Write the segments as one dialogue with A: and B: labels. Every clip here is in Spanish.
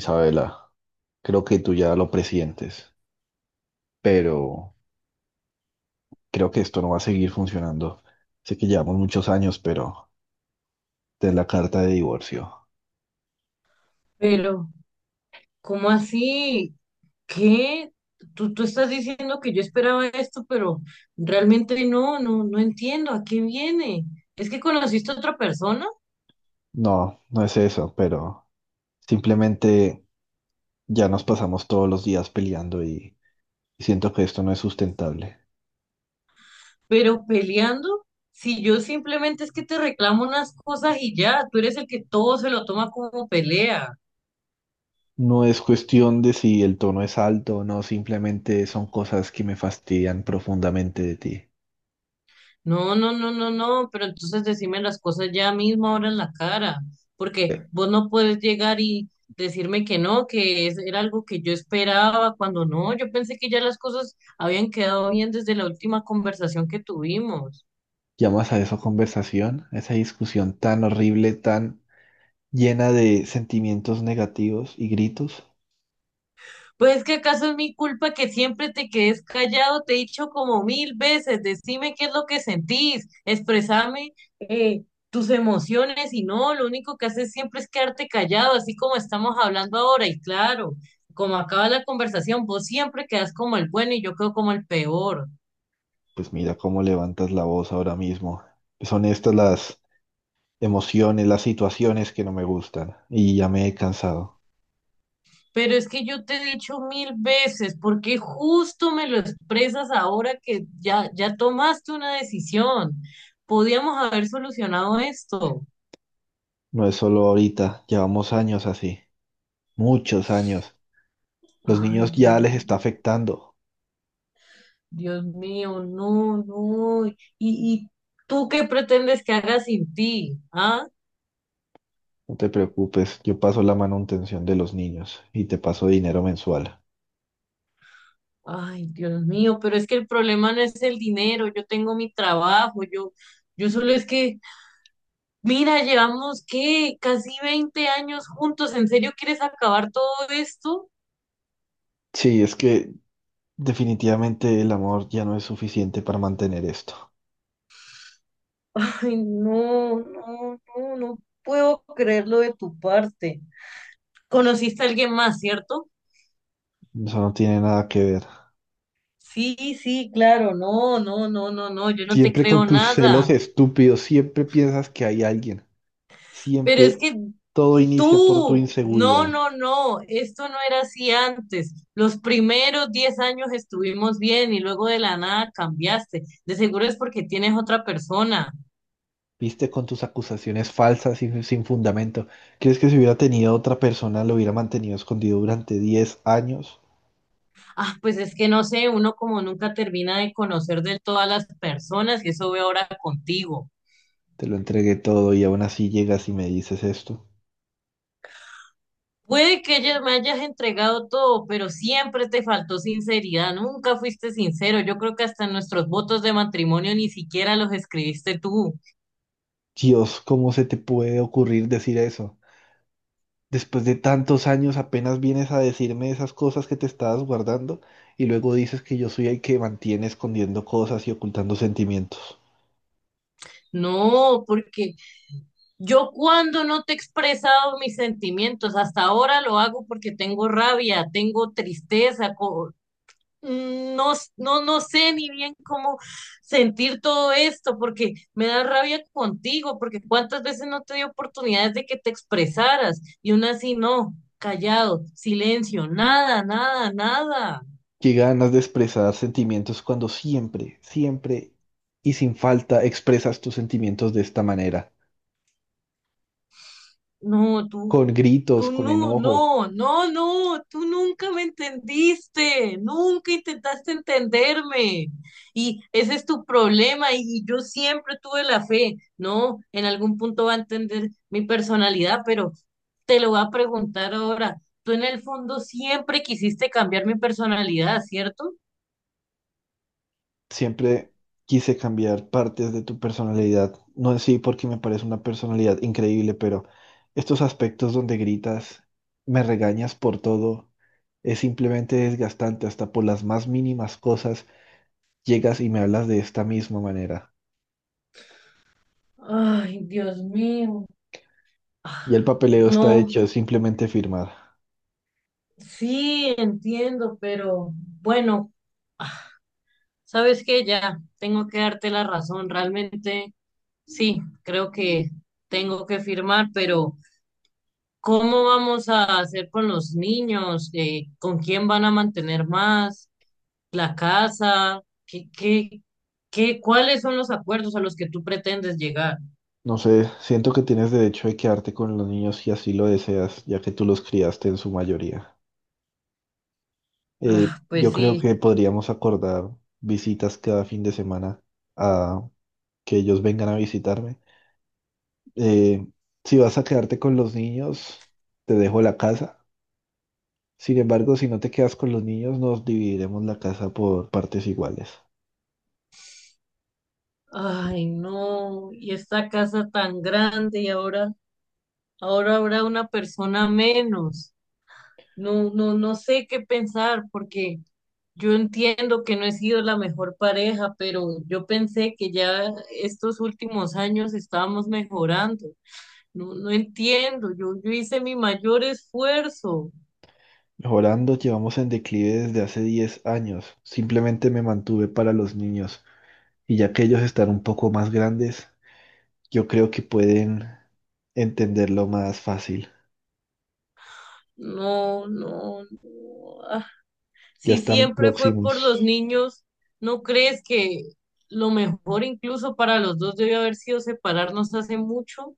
A: Isabela, creo que tú ya lo presientes, pero creo que esto no va a seguir funcionando. Sé que llevamos muchos años, pero de la carta de divorcio.
B: Pero, ¿cómo así? ¿Qué? Tú estás diciendo que yo esperaba esto, pero realmente no entiendo a qué viene. Es que conociste a otra persona,
A: No, no es eso, pero simplemente ya nos pasamos todos los días peleando y siento que esto no es sustentable.
B: pero peleando, si yo simplemente es que te reclamo unas cosas y ya, tú eres el que todo se lo toma como pelea.
A: No es cuestión de si el tono es alto o no, simplemente son cosas que me fastidian profundamente de ti.
B: No, no, no, no, no, pero entonces decime las cosas ya mismo ahora en la cara, porque vos no puedes llegar y decirme que no, que era algo que yo esperaba, cuando no, yo pensé que ya las cosas habían quedado bien desde la última conversación que tuvimos.
A: ¿Llamas a eso conversación? ¿A esa discusión tan horrible, tan llena de sentimientos negativos y gritos?
B: Pues que acaso es mi culpa que siempre te quedes callado, te he dicho como mil veces, decime qué es lo que sentís, expresame eh, tus emociones y no, lo único que haces siempre es quedarte callado, así como estamos hablando ahora y claro, como acaba la conversación, vos siempre quedas como el bueno y yo quedo como el peor.
A: Pues mira cómo levantas la voz ahora mismo. Son estas las emociones, las situaciones que no me gustan y ya me he cansado.
B: Pero es que yo te he dicho mil veces, ¿porque justo me lo expresas ahora que ya, ya tomaste una decisión? Podíamos haber solucionado esto.
A: No es solo ahorita, llevamos años así, muchos años. Los
B: Ay,
A: niños ya
B: Dios,
A: les está afectando.
B: Dios mío, no, no. ¿Y tú qué pretendes que haga sin ti? ¿Ah?
A: No te preocupes, yo paso la manutención de los niños y te paso dinero mensual.
B: Ay, Dios mío, pero es que el problema no es el dinero, yo tengo mi trabajo, yo solo es que, mira, llevamos qué, casi 20 años juntos, ¿en serio quieres acabar todo esto?
A: Sí, es que definitivamente el amor ya no es suficiente para mantener esto.
B: Ay, no, no, no, no puedo creerlo de tu parte. ¿Conociste a alguien más, cierto?
A: Eso no tiene nada que ver.
B: Sí, sí, claro, no, no, no, no, no, yo no te
A: Siempre con
B: creo
A: tus
B: nada.
A: celos estúpidos, siempre piensas que hay alguien.
B: Pero es
A: Siempre
B: que
A: todo inicia por tu
B: tú, no,
A: inseguridad.
B: no, no, esto no era así antes. Los primeros 10 años estuvimos bien y luego de la nada cambiaste. De seguro es porque tienes otra persona.
A: Viste con tus acusaciones falsas y sin fundamento. ¿Crees que si hubiera tenido otra persona lo hubiera mantenido escondido durante 10 años?
B: Ah, pues es que no sé, uno como nunca termina de conocer de todas las personas y eso veo ahora contigo.
A: Te lo entregué todo y aún así llegas y me dices esto.
B: Puede que ella me hayas entregado todo, pero siempre te faltó sinceridad, nunca fuiste sincero. Yo creo que hasta nuestros votos de matrimonio ni siquiera los escribiste tú.
A: Dios, ¿cómo se te puede ocurrir decir eso? Después de tantos años apenas vienes a decirme esas cosas que te estabas guardando y luego dices que yo soy el que mantiene escondiendo cosas y ocultando sentimientos.
B: No, porque yo cuando no te he expresado mis sentimientos, hasta ahora lo hago porque tengo rabia, tengo tristeza, no, no, no sé ni bien cómo sentir todo esto, porque me da rabia contigo, porque cuántas veces no te di oportunidades de que te expresaras y aún así no, callado, silencio, nada, nada, nada.
A: Qué ganas de expresar sentimientos cuando siempre, siempre y sin falta expresas tus sentimientos de esta manera,
B: No, tú
A: con gritos,
B: Tú
A: con
B: no,
A: enojo.
B: no, no, no, tú nunca me entendiste, nunca intentaste entenderme. Y ese es tu problema y yo siempre tuve la fe. No, en algún punto va a entender mi personalidad, pero te lo voy a preguntar ahora. Tú en el fondo siempre quisiste cambiar mi personalidad, ¿cierto?
A: Siempre quise cambiar partes de tu personalidad, no en sí porque me parece una personalidad increíble, pero estos aspectos donde gritas, me regañas por todo, es simplemente desgastante, hasta por las más mínimas cosas llegas y me hablas de esta misma manera.
B: Ay, Dios mío. Ah,
A: Y el papeleo está
B: no,
A: hecho, es simplemente firmar.
B: sí, entiendo, pero bueno. Ah, sabes que ya tengo que darte la razón. Realmente sí, creo que tengo que firmar, pero ¿cómo vamos a hacer con los niños? ¿Con quién van a mantener más? ¿La casa? ¿Qué, cuáles son los acuerdos a los que tú pretendes llegar?
A: No sé, siento que tienes derecho de quedarte con los niños si así lo deseas, ya que tú los criaste en su mayoría.
B: Ah,
A: Yo
B: pues
A: creo
B: sí.
A: que podríamos acordar visitas cada fin de semana a que ellos vengan a visitarme. Eh, si vas a quedarte con los niños, te dejo la casa. Sin embargo, si no te quedas con los niños, nos dividiremos la casa por partes iguales.
B: Ay, no. Y esta casa tan grande y ahora, ahora habrá una persona menos. No, no, no sé qué pensar porque yo entiendo que no he sido la mejor pareja, pero yo pensé que ya estos últimos años estábamos mejorando. No, no entiendo. Yo hice mi mayor esfuerzo.
A: Mejorando, llevamos en declive desde hace 10 años. Simplemente me mantuve para los niños. Y ya que ellos están un poco más grandes, yo creo que pueden entenderlo más fácil.
B: No, no, no. Ah,
A: Ya
B: si
A: están
B: siempre fue por los
A: próximos.
B: niños, ¿no crees que lo mejor incluso para los dos debió haber sido separarnos hace mucho?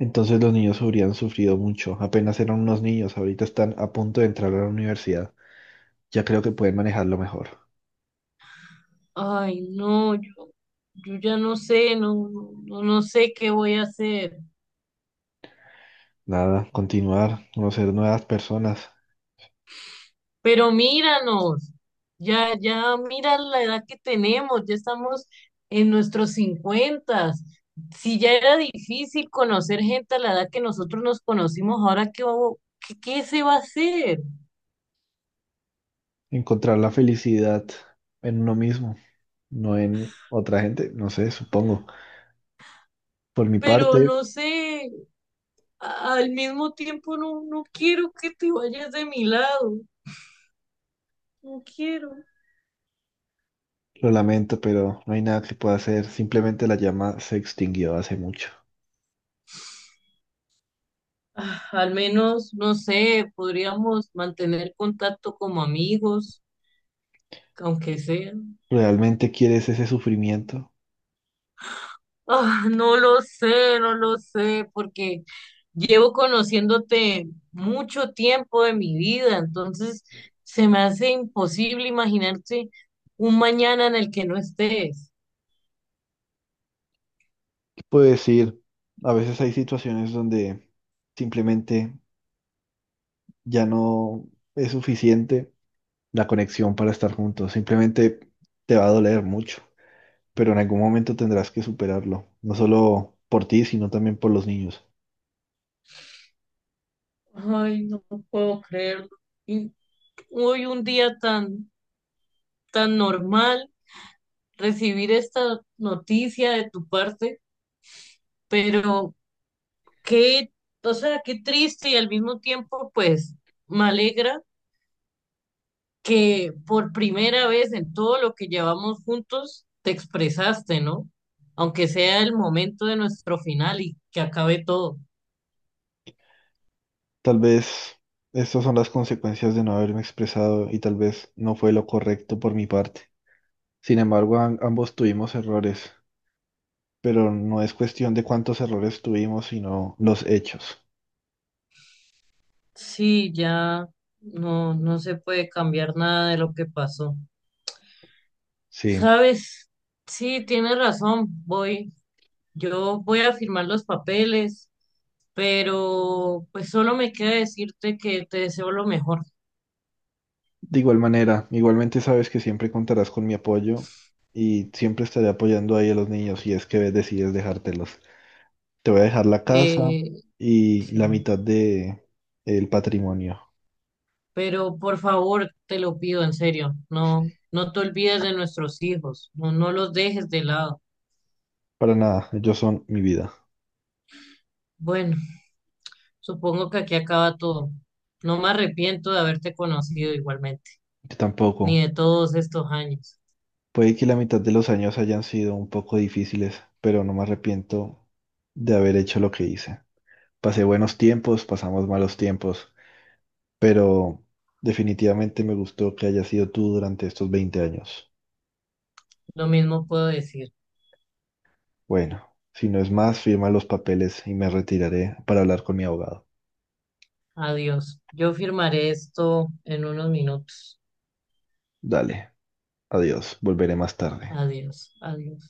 A: Entonces los niños habrían sufrido mucho. Apenas eran unos niños, ahorita están a punto de entrar a la universidad. Ya creo que pueden manejarlo mejor.
B: Ay, no, yo ya no sé, no, no, no sé qué voy a hacer.
A: Nada, continuar, conocer nuevas personas,
B: Pero míranos, ya, ya mira la edad que tenemos, ya estamos en nuestros 50. Si ya era difícil conocer gente a la edad que nosotros nos conocimos, ahora qué, qué se va a hacer.
A: encontrar la felicidad en uno mismo, no en otra gente, no sé, supongo. Por mi
B: Pero
A: parte,
B: no sé, al mismo tiempo no, no quiero que te vayas de mi lado, no quiero.
A: lo lamento, pero no hay nada que pueda hacer. Simplemente la llama se extinguió hace mucho.
B: Ah, al menos, no sé, podríamos mantener contacto como amigos, aunque sea.
A: ¿Realmente quieres ese sufrimiento?
B: Ah, no lo sé, no lo sé, porque llevo conociéndote mucho tiempo de mi vida, entonces se me hace imposible imaginarte un mañana en el que no estés.
A: Pues ir, a veces hay situaciones donde simplemente ya no es suficiente la conexión para estar juntos, simplemente te va a doler mucho, pero en algún momento tendrás que superarlo, no solo por ti, sino también por los niños.
B: Ay, no puedo creerlo. Y hoy un día tan, tan normal, recibir esta noticia de tu parte, pero qué, o sea, qué triste y al mismo tiempo, pues, me alegra que por primera vez en todo lo que llevamos juntos te expresaste, ¿no? Aunque sea el momento de nuestro final y que acabe todo.
A: Tal vez estas son las consecuencias de no haberme expresado y tal vez no fue lo correcto por mi parte. Sin embargo, ambos tuvimos errores, pero no es cuestión de cuántos errores tuvimos, sino los hechos.
B: Sí, ya no, no se puede cambiar nada de lo que pasó.
A: Sí.
B: ¿Sabes? Sí, tienes razón, yo voy a firmar los papeles, pero pues solo me queda decirte que te deseo lo mejor.
A: De igual manera, igualmente sabes que siempre contarás con mi apoyo y siempre estaré apoyando ahí a los niños si es que decides dejártelos. Te voy a dejar la casa
B: Eh,
A: y la
B: Sí,
A: mitad de el patrimonio.
B: pero por favor, te lo pido en serio, no, no te olvides de nuestros hijos, no, no los dejes de lado.
A: Para nada, ellos son mi vida.
B: Bueno, supongo que aquí acaba todo. No me arrepiento de haberte conocido igualmente,
A: Yo
B: ni
A: tampoco.
B: de todos estos años.
A: Puede que la mitad de los años hayan sido un poco difíciles, pero no me arrepiento de haber hecho lo que hice. Pasé buenos tiempos, pasamos malos tiempos, pero definitivamente me gustó que hayas sido tú durante estos 20 años.
B: Lo mismo puedo decir.
A: Bueno, si no es más, firma los papeles y me retiraré para hablar con mi abogado.
B: Adiós. Yo firmaré esto en unos minutos.
A: Dale, adiós, volveré más tarde.
B: Adiós, adiós.